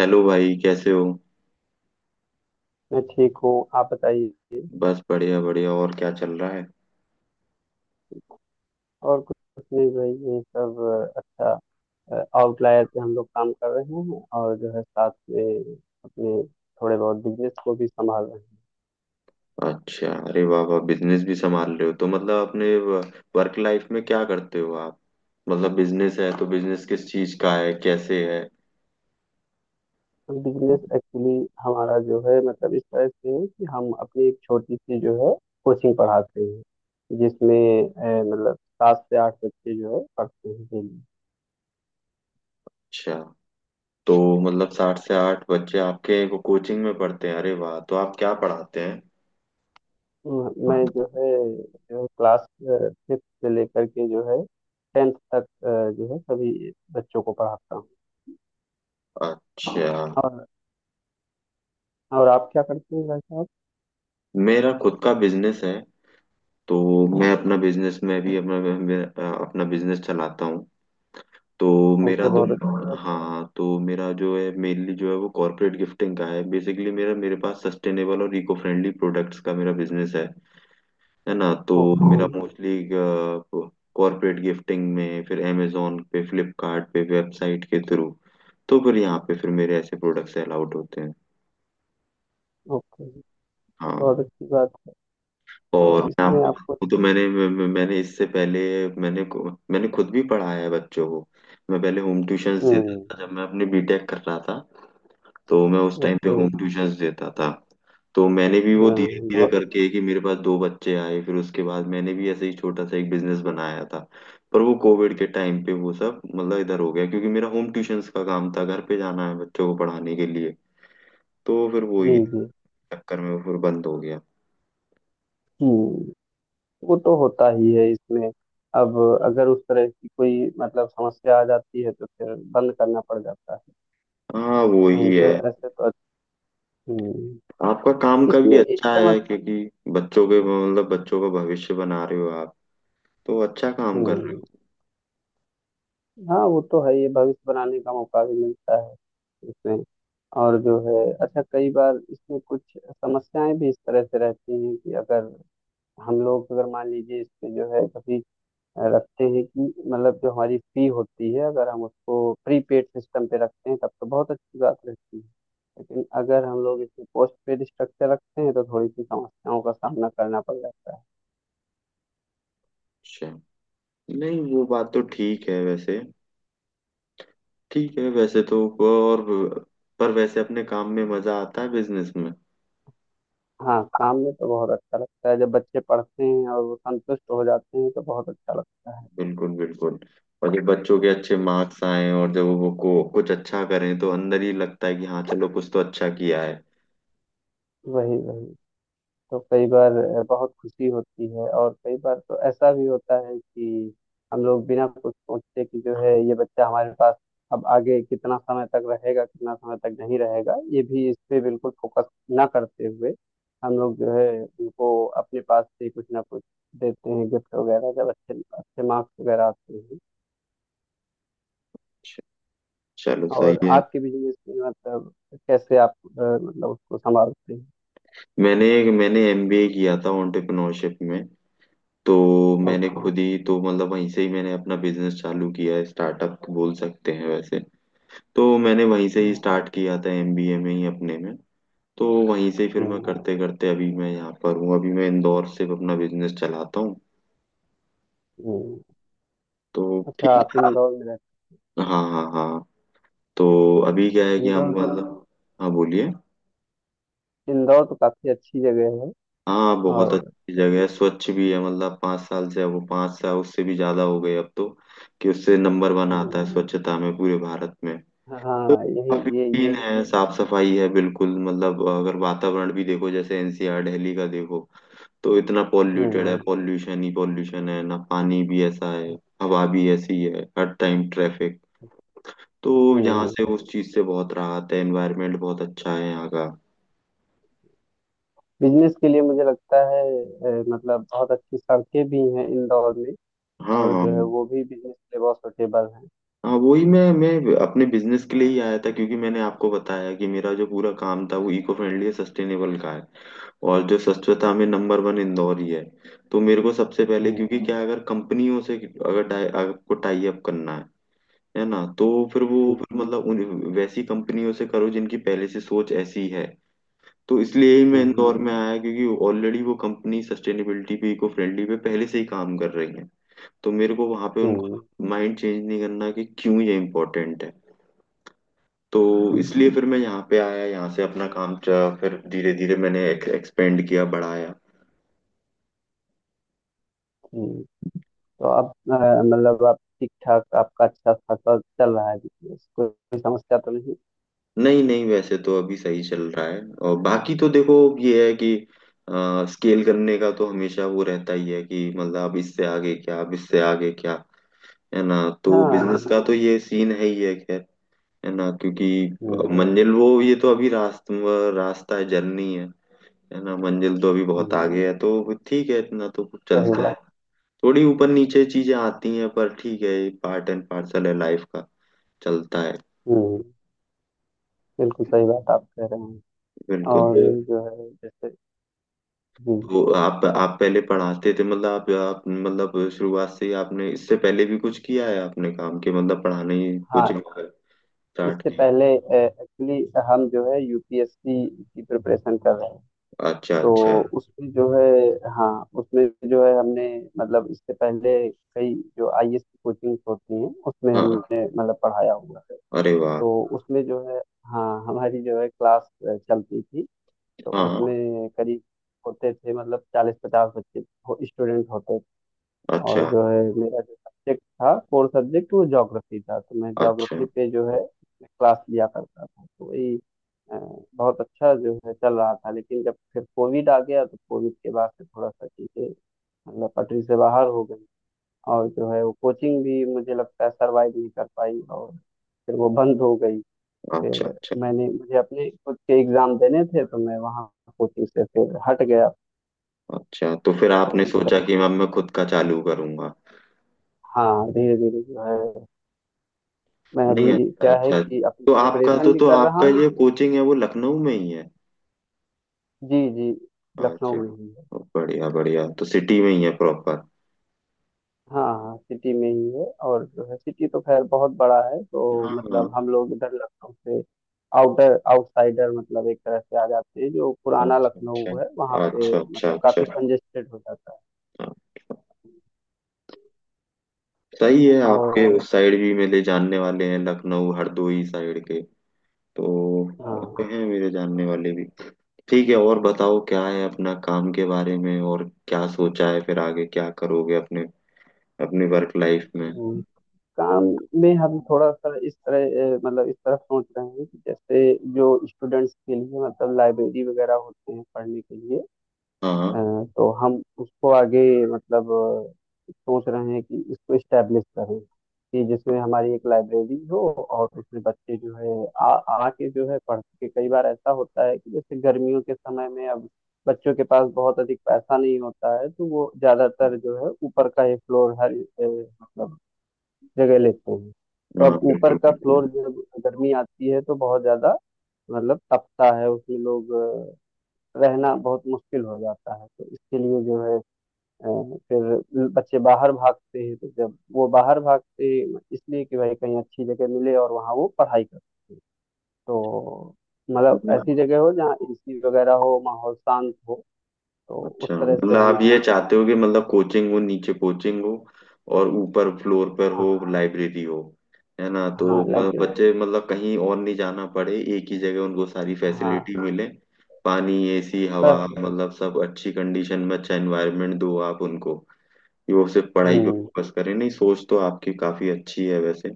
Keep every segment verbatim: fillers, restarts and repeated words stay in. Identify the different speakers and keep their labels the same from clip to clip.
Speaker 1: Hello भाई, कैसे हो?
Speaker 2: मैं ठीक हूँ, आप बताइए।
Speaker 1: बस बढ़िया बढ़िया। और क्या चल रहा है?
Speaker 2: और कुछ नहीं भाई, ये सब अच्छा। आउटलायर पे हम लोग काम कर रहे हैं और जो है साथ में अपने थोड़े बहुत बिजनेस को भी संभाल रहे हैं।
Speaker 1: अच्छा। अरे वाह वाह, बिजनेस भी संभाल रहे हो तो मतलब अपने वर्क लाइफ में क्या करते हो आप? मतलब बिजनेस है तो बिजनेस किस चीज का है, कैसे है?
Speaker 2: बिजनेस एक्चुअली हमारा जो है मतलब इस तरह से है कि हम अपनी एक छोटी सी जो है कोचिंग पढ़ाते हैं, जिसमें अ, मतलब सात से आठ बच्चे जो है पढ़ते हैं daily।
Speaker 1: अच्छा। तो मतलब साठ से आठ बच्चे आपके को कोचिंग में पढ़ते हैं? अरे वाह! तो आप क्या पढ़ाते हैं?
Speaker 2: हम्म, मैं जो है जो क्लास फिफ्थ से लेकर के जो है टेंथ तक अ, जो है सभी बच्चों को पढ़ाता हूँ।
Speaker 1: अच्छा।
Speaker 2: और और आप क्या करते हैं भाई साहब?
Speaker 1: मेरा खुद का बिजनेस है। तो मैं अपना बिजनेस में भी अपना मैं- अपना बिजनेस चलाता हूँ। तो मेरा
Speaker 2: ओके,
Speaker 1: तो,
Speaker 2: बहुत अच्छी
Speaker 1: हाँ
Speaker 2: बात।
Speaker 1: हाँ, तो मेरा जो है मेनली जो है वो कॉर्पोरेट गिफ्टिंग का है। बेसिकली मेरा, मेरे पास सस्टेनेबल और इको फ्रेंडली प्रोडक्ट्स का मेरा बिजनेस है है ना? तो
Speaker 2: ओके।
Speaker 1: मेरा मोस्टली कॉर्पोरेट गिफ्टिंग में, फिर अमेजोन पे, फ्लिपकार्ट पे, वेबसाइट के थ्रू। तो फिर यहाँ पे फिर मेरे ऐसे प्रोडक्ट्स अलाउड होते हैं।
Speaker 2: ओके,
Speaker 1: हाँ।
Speaker 2: बहुत अच्छी बात। तो
Speaker 1: और मैं
Speaker 2: इसमें
Speaker 1: आपको
Speaker 2: आपको।
Speaker 1: बताऊं तो मैंने मैं- मैंने इससे पहले मैंने मैंने खुद भी पढ़ाया है बच्चों को। मैं पहले होम ट्यूशंस देता
Speaker 2: हम्म।
Speaker 1: था जब मैं अपने बीटेक कर रहा था। तो मैं उस टाइम पे
Speaker 2: ओके।
Speaker 1: होम ट्यूशंस देता था। तो मैंने भी वो धीरे
Speaker 2: हाँ,
Speaker 1: धीरे
Speaker 2: बहुत।
Speaker 1: करके कि मेरे पास दो बच्चे आए, फिर उसके बाद मैंने भी ऐसे ही छोटा सा एक बिजनेस बनाया था। पर वो कोविड के टाइम पे वो सब मतलब इधर हो गया, क्योंकि मेरा होम ट्यूशंस का काम था, घर पे जाना है बच्चों को पढ़ाने के लिए। तो फिर वो
Speaker 2: जी
Speaker 1: ही
Speaker 2: जी।
Speaker 1: चक्कर में वो फिर बंद हो गया।
Speaker 2: हम्म। वो तो होता ही है इसमें। अब अगर उस तरह की कोई मतलब समस्या आ जाती है तो फिर बंद करना पड़ जाता है,
Speaker 1: हाँ वो
Speaker 2: नहीं
Speaker 1: ही
Speaker 2: तो
Speaker 1: है।
Speaker 2: ऐसे तो। हम्म।
Speaker 1: आपका काम का भी
Speaker 2: इसमें एक
Speaker 1: अच्छा
Speaker 2: समस्या।
Speaker 1: है, क्योंकि बच्चों के मतलब बच्चों का भविष्य बना रहे हो आप। तो अच्छा काम कर रहे
Speaker 2: हम्म,
Speaker 1: हो।
Speaker 2: हाँ वो तो है, ये भविष्य बनाने का मौका भी मिलता है इसमें। और जो है अच्छा कई बार इसमें कुछ समस्याएं भी इस तरह से रहती हैं कि अगर हम लोग अगर मान लीजिए इसमें जो है कभी रखते हैं कि मतलब जो हमारी फी होती है अगर हम उसको प्रीपेड सिस्टम पे रखते हैं तब तो बहुत अच्छी बात रहती है, लेकिन अगर हम लोग इसमें पोस्ट पेड स्ट्रक्चर रखते हैं तो थोड़ी सी समस्याओं का सामना करना पड़ जाता है।
Speaker 1: उससे नहीं, वो बात तो ठीक है वैसे। ठीक है वैसे तो। और पर वैसे अपने काम में मजा आता है बिजनेस में।
Speaker 2: हाँ, शाम में तो बहुत अच्छा लगता है, जब बच्चे पढ़ते हैं और वो संतुष्ट हो जाते हैं तो बहुत अच्छा लगता है।
Speaker 1: बिल्कुल बिल्कुल। और जब बच्चों के अच्छे मार्क्स आए और जब वो को कुछ अच्छा करें तो अंदर ही लगता है कि हाँ चलो कुछ तो अच्छा किया है।
Speaker 2: वही वही। तो कई बार अ, बहुत खुशी होती है, और कई बार तो ऐसा भी होता है कि हम लोग बिना कुछ सोचे कि जो है ये बच्चा हमारे पास अब आगे कितना समय तक रहेगा कितना समय तक नहीं रहेगा ये भी इस पे बिल्कुल फोकस ना करते हुए हम लोग जो है उनको अपने पास से कुछ ना कुछ देते हैं, गिफ्ट वगैरह, जब अच्छे अच्छे मार्क्स वगैरह आते हैं।
Speaker 1: चलो सही
Speaker 2: और
Speaker 1: है।
Speaker 2: आपके बिजनेस में मतलब कैसे आप अ, मतलब उसको संभालते हैं?
Speaker 1: मैंने मैंने एमबीए किया था एंटरप्रेन्योरशिप में। तो मैंने
Speaker 2: ओके।
Speaker 1: खुद ही तो मतलब वहीं से ही मैंने अपना बिजनेस चालू किया है, स्टार्टअप बोल सकते हैं वैसे। तो मैंने वहीं से ही
Speaker 2: हम्म।
Speaker 1: स्टार्ट किया था एमबीए में ही अपने में। तो वहीं से फिर मैं
Speaker 2: हम्म।
Speaker 1: करते करते अभी मैं यहाँ पर हूँ। अभी मैं इंदौर से अपना बिजनेस चलाता हूँ।
Speaker 2: हम्म।
Speaker 1: तो
Speaker 2: अच्छा,
Speaker 1: ठीक
Speaker 2: आप
Speaker 1: है।
Speaker 2: इंदौर में रहते
Speaker 1: हाँ हाँ हाँ। तो अभी क्या है
Speaker 2: हैं?
Speaker 1: कि हम
Speaker 2: इंदौर तो,
Speaker 1: मतलब, हाँ बोलिए।
Speaker 2: इंदौर तो काफी अच्छी जगह है।
Speaker 1: हाँ बहुत
Speaker 2: और
Speaker 1: अच्छी जगह है, स्वच्छ भी है मतलब पाँच साल से वो, पाँच साल उससे भी ज्यादा हो गए अब तो, कि उससे नंबर वन आता
Speaker 2: हम्म,
Speaker 1: है स्वच्छता में पूरे भारत में। तो
Speaker 2: हाँ यही
Speaker 1: काफी
Speaker 2: ये
Speaker 1: क्लीन
Speaker 2: यही।
Speaker 1: है, साफ सफाई है बिल्कुल। मतलब अगर वातावरण भी देखो, जैसे एनसीआर दिल्ली का देखो तो इतना पॉल्यूटेड है,
Speaker 2: हम्म।
Speaker 1: पॉल्यूशन ही पॉल्यूशन है ना, पानी भी ऐसा है, हवा भी ऐसी है, हर टाइम ट्रैफिक। तो यहाँ से
Speaker 2: हम्म।
Speaker 1: उस चीज से बहुत राहत है, एनवायरनमेंट बहुत अच्छा है यहाँ का।
Speaker 2: बिजनेस के लिए मुझे लगता है अ, मतलब बहुत अच्छी सड़कें भी हैं इंदौर में,
Speaker 1: हाँ
Speaker 2: और
Speaker 1: हाँ।
Speaker 2: जो है वो भी बिजनेस के लिए बहुत सुटेबल हैं।
Speaker 1: हाँ वही मैं मैं अपने बिजनेस के लिए ही आया था, क्योंकि मैंने आपको बताया कि मेरा जो पूरा काम था वो इको फ्रेंडली सस्टेनेबल का है। और जो स्वच्छता में नंबर वन इंदौर ही है। तो मेरे को सबसे पहले
Speaker 2: हम्म।
Speaker 1: क्योंकि क्या है, अगर कंपनियों से अगर टाई आपको टाई अप करना है है ना? तो फिर वो
Speaker 2: जी।
Speaker 1: फिर मतलब उन वैसी कंपनियों से करो जिनकी पहले से सोच ऐसी है। तो इसलिए ही मैं
Speaker 2: हम्म।
Speaker 1: इंदौर में आया, क्योंकि ऑलरेडी वो कंपनी सस्टेनेबिलिटी पे, इको फ्रेंडली पे पहले से ही काम कर रही है। तो मेरे को वहां पे
Speaker 2: हम्म।
Speaker 1: उनको माइंड चेंज नहीं करना कि क्यों ये इम्पोर्टेंट है। तो
Speaker 2: जी
Speaker 1: इसलिए फिर मैं यहाँ पे आया, यहाँ से अपना काम च- फिर धीरे धीरे मैंने एक्सपेंड किया, बढ़ाया।
Speaker 2: जी। तो अब अ, मतलब आप ठीक ठाक, आपका अच्छा खासा चल रहा है बिजनेस, कोई समस्या तो नहीं?
Speaker 1: नहीं नहीं वैसे तो अभी सही चल रहा है। और बाकी तो देखो, ये है कि आ, स्केल करने का तो हमेशा वो रहता ही है कि मतलब अब इससे आगे क्या, अब इससे आगे क्या, है ना? तो
Speaker 2: हाँ।
Speaker 1: बिजनेस
Speaker 2: हम्म।
Speaker 1: का तो ये सीन है ही है। खैर, है ना, क्योंकि
Speaker 2: हम्म।
Speaker 1: मंजिल वो ये तो अभी रास्ता रास्ता है, जर्नी है है ना। मंजिल तो अभी बहुत
Speaker 2: हम्म,
Speaker 1: आगे है। तो ठीक है, इतना तो
Speaker 2: सही
Speaker 1: चलता है।
Speaker 2: बात।
Speaker 1: थोड़ी ऊपर नीचे चीजें आती हैं पर ठीक है, पार्ट एंड पार्सल है लाइफ का। चलता है।
Speaker 2: हम्म। बिल्कुल सही बात आप कह रहे हैं।
Speaker 1: बिल्कुल।
Speaker 2: और जो है जैसे हम्म,
Speaker 1: तो आप आप पहले पढ़ाते थे मतलब आप, आप मतलब शुरुआत से ही आपने इससे पहले भी कुछ किया है? आपने काम के मतलब पढ़ाने ही कोचिंग
Speaker 2: हाँ,
Speaker 1: स्टार्ट
Speaker 2: इससे
Speaker 1: किया?
Speaker 2: पहले एक्चुअली हम जो है यू पी एस सी की प्रिपरेशन कर रहे हैं।
Speaker 1: अच्छा
Speaker 2: तो
Speaker 1: अच्छा।
Speaker 2: उसमें जो है हाँ उसमें जो है हमने मतलब इससे पहले कई जो आई ए एस की कोचिंग होती हैं उसमें
Speaker 1: हाँ।
Speaker 2: हमने मतलब पढ़ाया हुआ है।
Speaker 1: अरे वाह।
Speaker 2: तो उसमें जो है हाँ हमारी जो है क्लास अ, चलती थी, तो
Speaker 1: हाँ।
Speaker 2: उसमें करीब होते थे मतलब चालीस पचास बच्चे, हो, स्टूडेंट होते थे। और
Speaker 1: अच्छा
Speaker 2: जो है मेरा जो सब्जेक्ट था कोर सब्जेक्ट वो ज्योग्राफी था, तो मैं
Speaker 1: अच्छा।
Speaker 2: ज्योग्राफी पे जो है क्लास लिया करता था। तो वही अ, बहुत अच्छा जो है चल रहा था, लेकिन जब फिर कोविड आ गया तो कोविड के बाद से थोड़ा सा चीज़ें मतलब पटरी से बाहर हो गई, और जो है वो कोचिंग भी मुझे लगता है सरवाइव नहीं कर पाई और फिर वो बंद हो गई।
Speaker 1: अच्छा
Speaker 2: फिर
Speaker 1: अच्छा
Speaker 2: मैंने मुझे अपने खुद के एग्जाम देने थे, तो मैं वहाँ कोचिंग से फिर हट गया।
Speaker 1: अच्छा। तो फिर
Speaker 2: तो
Speaker 1: आपने
Speaker 2: इस तरह
Speaker 1: सोचा कि अब मैं खुद का चालू करूंगा?
Speaker 2: हाँ धीरे धीरे जो है मैं
Speaker 1: नहीं
Speaker 2: अभी
Speaker 1: अच्छा
Speaker 2: क्या है
Speaker 1: अच्छा।
Speaker 2: कि अपनी
Speaker 1: तो आपका तो
Speaker 2: प्रिपरेशन भी
Speaker 1: तो
Speaker 2: कर रहा
Speaker 1: आपका
Speaker 2: हूँ।
Speaker 1: ये कोचिंग है वो लखनऊ में ही है?
Speaker 2: जी जी। लखनऊ
Speaker 1: अच्छा।
Speaker 2: में ही है।
Speaker 1: बढ़िया बढ़िया। तो सिटी में ही है प्रॉपर?
Speaker 2: हाँ हाँ, सिटी में ही है, और जो है सिटी तो खैर बहुत बड़ा है, तो
Speaker 1: हाँ हाँ।
Speaker 2: मतलब हम लोग इधर लखनऊ से आउटर आउटसाइडर मतलब एक तरह से आ जाते हैं, जो पुराना
Speaker 1: अच्छा
Speaker 2: लखनऊ है वहाँ
Speaker 1: अच्छा
Speaker 2: पे
Speaker 1: अच्छा अच्छा
Speaker 2: मतलब काफी
Speaker 1: अच्छा।
Speaker 2: कंजेस्टेड हो जाता है।
Speaker 1: हाँ, सही है। आपके
Speaker 2: और
Speaker 1: उस साइड भी मेरे जानने वाले हैं, लखनऊ हरदोई साइड के। तो वहाँ पे
Speaker 2: हाँ,
Speaker 1: हैं मेरे जानने वाले भी। ठीक है। और बताओ क्या है अपना काम के बारे में, और क्या सोचा है फिर आगे क्या करोगे अपने, अपने वर्क लाइफ में?
Speaker 2: काम में हम थोड़ा सा इस तरह अ, मतलब इस तरफ सोच रहे हैं कि जैसे जो स्टूडेंट्स के लिए मतलब लाइब्रेरी वगैरह होते हैं पढ़ने के लिए
Speaker 1: हाँ हाँ।
Speaker 2: अ, तो हम उसको आगे मतलब अ, सोच रहे हैं कि इसको स्टैब्लिश करें, कि जिसमें हमारी एक लाइब्रेरी हो और उसमें बच्चे जो है आ आके जो है पढ़ के, कई बार ऐसा होता है कि जैसे गर्मियों के समय में अब बच्चों के पास बहुत अधिक पैसा नहीं होता है, तो वो ज्यादातर जो है ऊपर का ये फ्लोर हर अ, मतलब जगह लेते हैं। तो
Speaker 1: हाँ,
Speaker 2: अब ऊपर
Speaker 1: बिल्कुल
Speaker 2: का
Speaker 1: बिल्कुल।
Speaker 2: फ्लोर जब गर्मी आती है तो बहुत ज्यादा मतलब तपता है, उसमें लोग अ, रहना बहुत मुश्किल हो जाता है, तो इसके लिए जो है अ, फिर बच्चे बाहर भागते हैं, तो जब वो बाहर भागते हैं इसलिए कि भाई कहीं अच्छी जगह मिले और वहाँ वो पढ़ाई कर सकें। तो मतलब ऐसी जगह हो जहाँ ए सी वगैरह हो, माहौल शांत हो, तो उस
Speaker 1: अच्छा,
Speaker 2: तरह
Speaker 1: मतलब
Speaker 2: से हम
Speaker 1: आप ये
Speaker 2: सोच रहे
Speaker 1: चाहते हो कि मतलब कोचिंग हो नीचे कोचिंग हो, और ऊपर फ्लोर पर
Speaker 2: हैं।
Speaker 1: हो लाइब्रेरी हो, है ना? तो
Speaker 2: हाँ हाँ,
Speaker 1: म-
Speaker 2: लाइब्रेरी।
Speaker 1: बच्चे मतलब कहीं और नहीं जाना पड़े, एक ही जगह उनको सारी
Speaker 2: हाँ।
Speaker 1: फैसिलिटी मिले। पानी, एसी, हवा
Speaker 2: बस।
Speaker 1: मतलब सब अच्छी कंडीशन में अच्छा एनवायरनमेंट दो आप उनको, कि वो सिर्फ पढ़ाई पे
Speaker 2: हम्म।
Speaker 1: फोकस करें। नहीं, सोच तो आपकी काफी अच्छी है वैसे।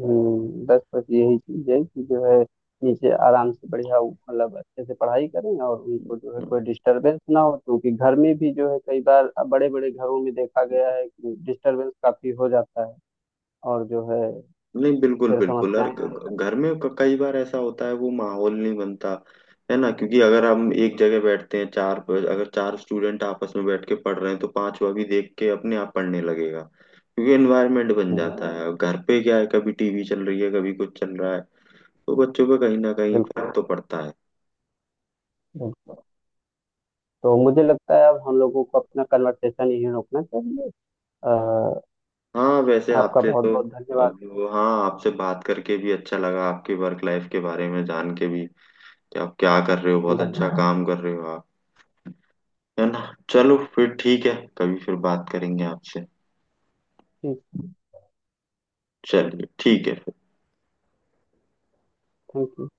Speaker 2: हम्म, बस बस यही चीज है कि जो है नीचे आराम से बढ़िया मतलब अच्छे से पढ़ाई करें और उनको जो है कोई डिस्टरबेंस ना हो, क्योंकि घर में भी जो है कई बार बड़े बड़े घरों में देखा गया है कि डिस्टरबेंस काफी हो जाता है, और जो है
Speaker 1: नहीं बिल्कुल
Speaker 2: फिर
Speaker 1: बिल्कुल। और
Speaker 2: समस्याएं
Speaker 1: ग-
Speaker 2: आने लगती
Speaker 1: ग- घर में क- कई बार ऐसा होता है वो माहौल नहीं बनता, है ना? क्योंकि अगर हम एक जगह बैठते हैं चार, अगर चार स्टूडेंट आपस में बैठ के पढ़ रहे हैं तो पांचवा भी देख के अपने आप पढ़ने लगेगा, क्योंकि एनवायरनमेंट बन
Speaker 2: हैं।
Speaker 1: जाता है। अब घर पे क्या है, कभी टीवी चल रही है, कभी कुछ चल रहा है। तो बच्चों पे कहीं ना कहीं
Speaker 2: बिल्कुल
Speaker 1: फर्क तो पड़ता है।
Speaker 2: बिल्कुल। तो मुझे लगता है अब हम लोगों को अपना कन्वर्सेशन यहीं रोकना चाहिए। अ,
Speaker 1: हाँ वैसे
Speaker 2: आपका
Speaker 1: आपसे
Speaker 2: बहुत
Speaker 1: तो,
Speaker 2: बहुत धन्यवाद।
Speaker 1: अब वो- हाँ आपसे बात करके भी अच्छा लगा, आपकी वर्क लाइफ के बारे में जान के भी, कि आप क्या कर रहे हो। बहुत अच्छा
Speaker 2: धन्यवाद।
Speaker 1: काम कर रहे हो आप, है ना? चलो फिर ठीक है, कभी फिर बात करेंगे आपसे।
Speaker 2: ठीक।
Speaker 1: चलिए ठीक है।
Speaker 2: Thank you.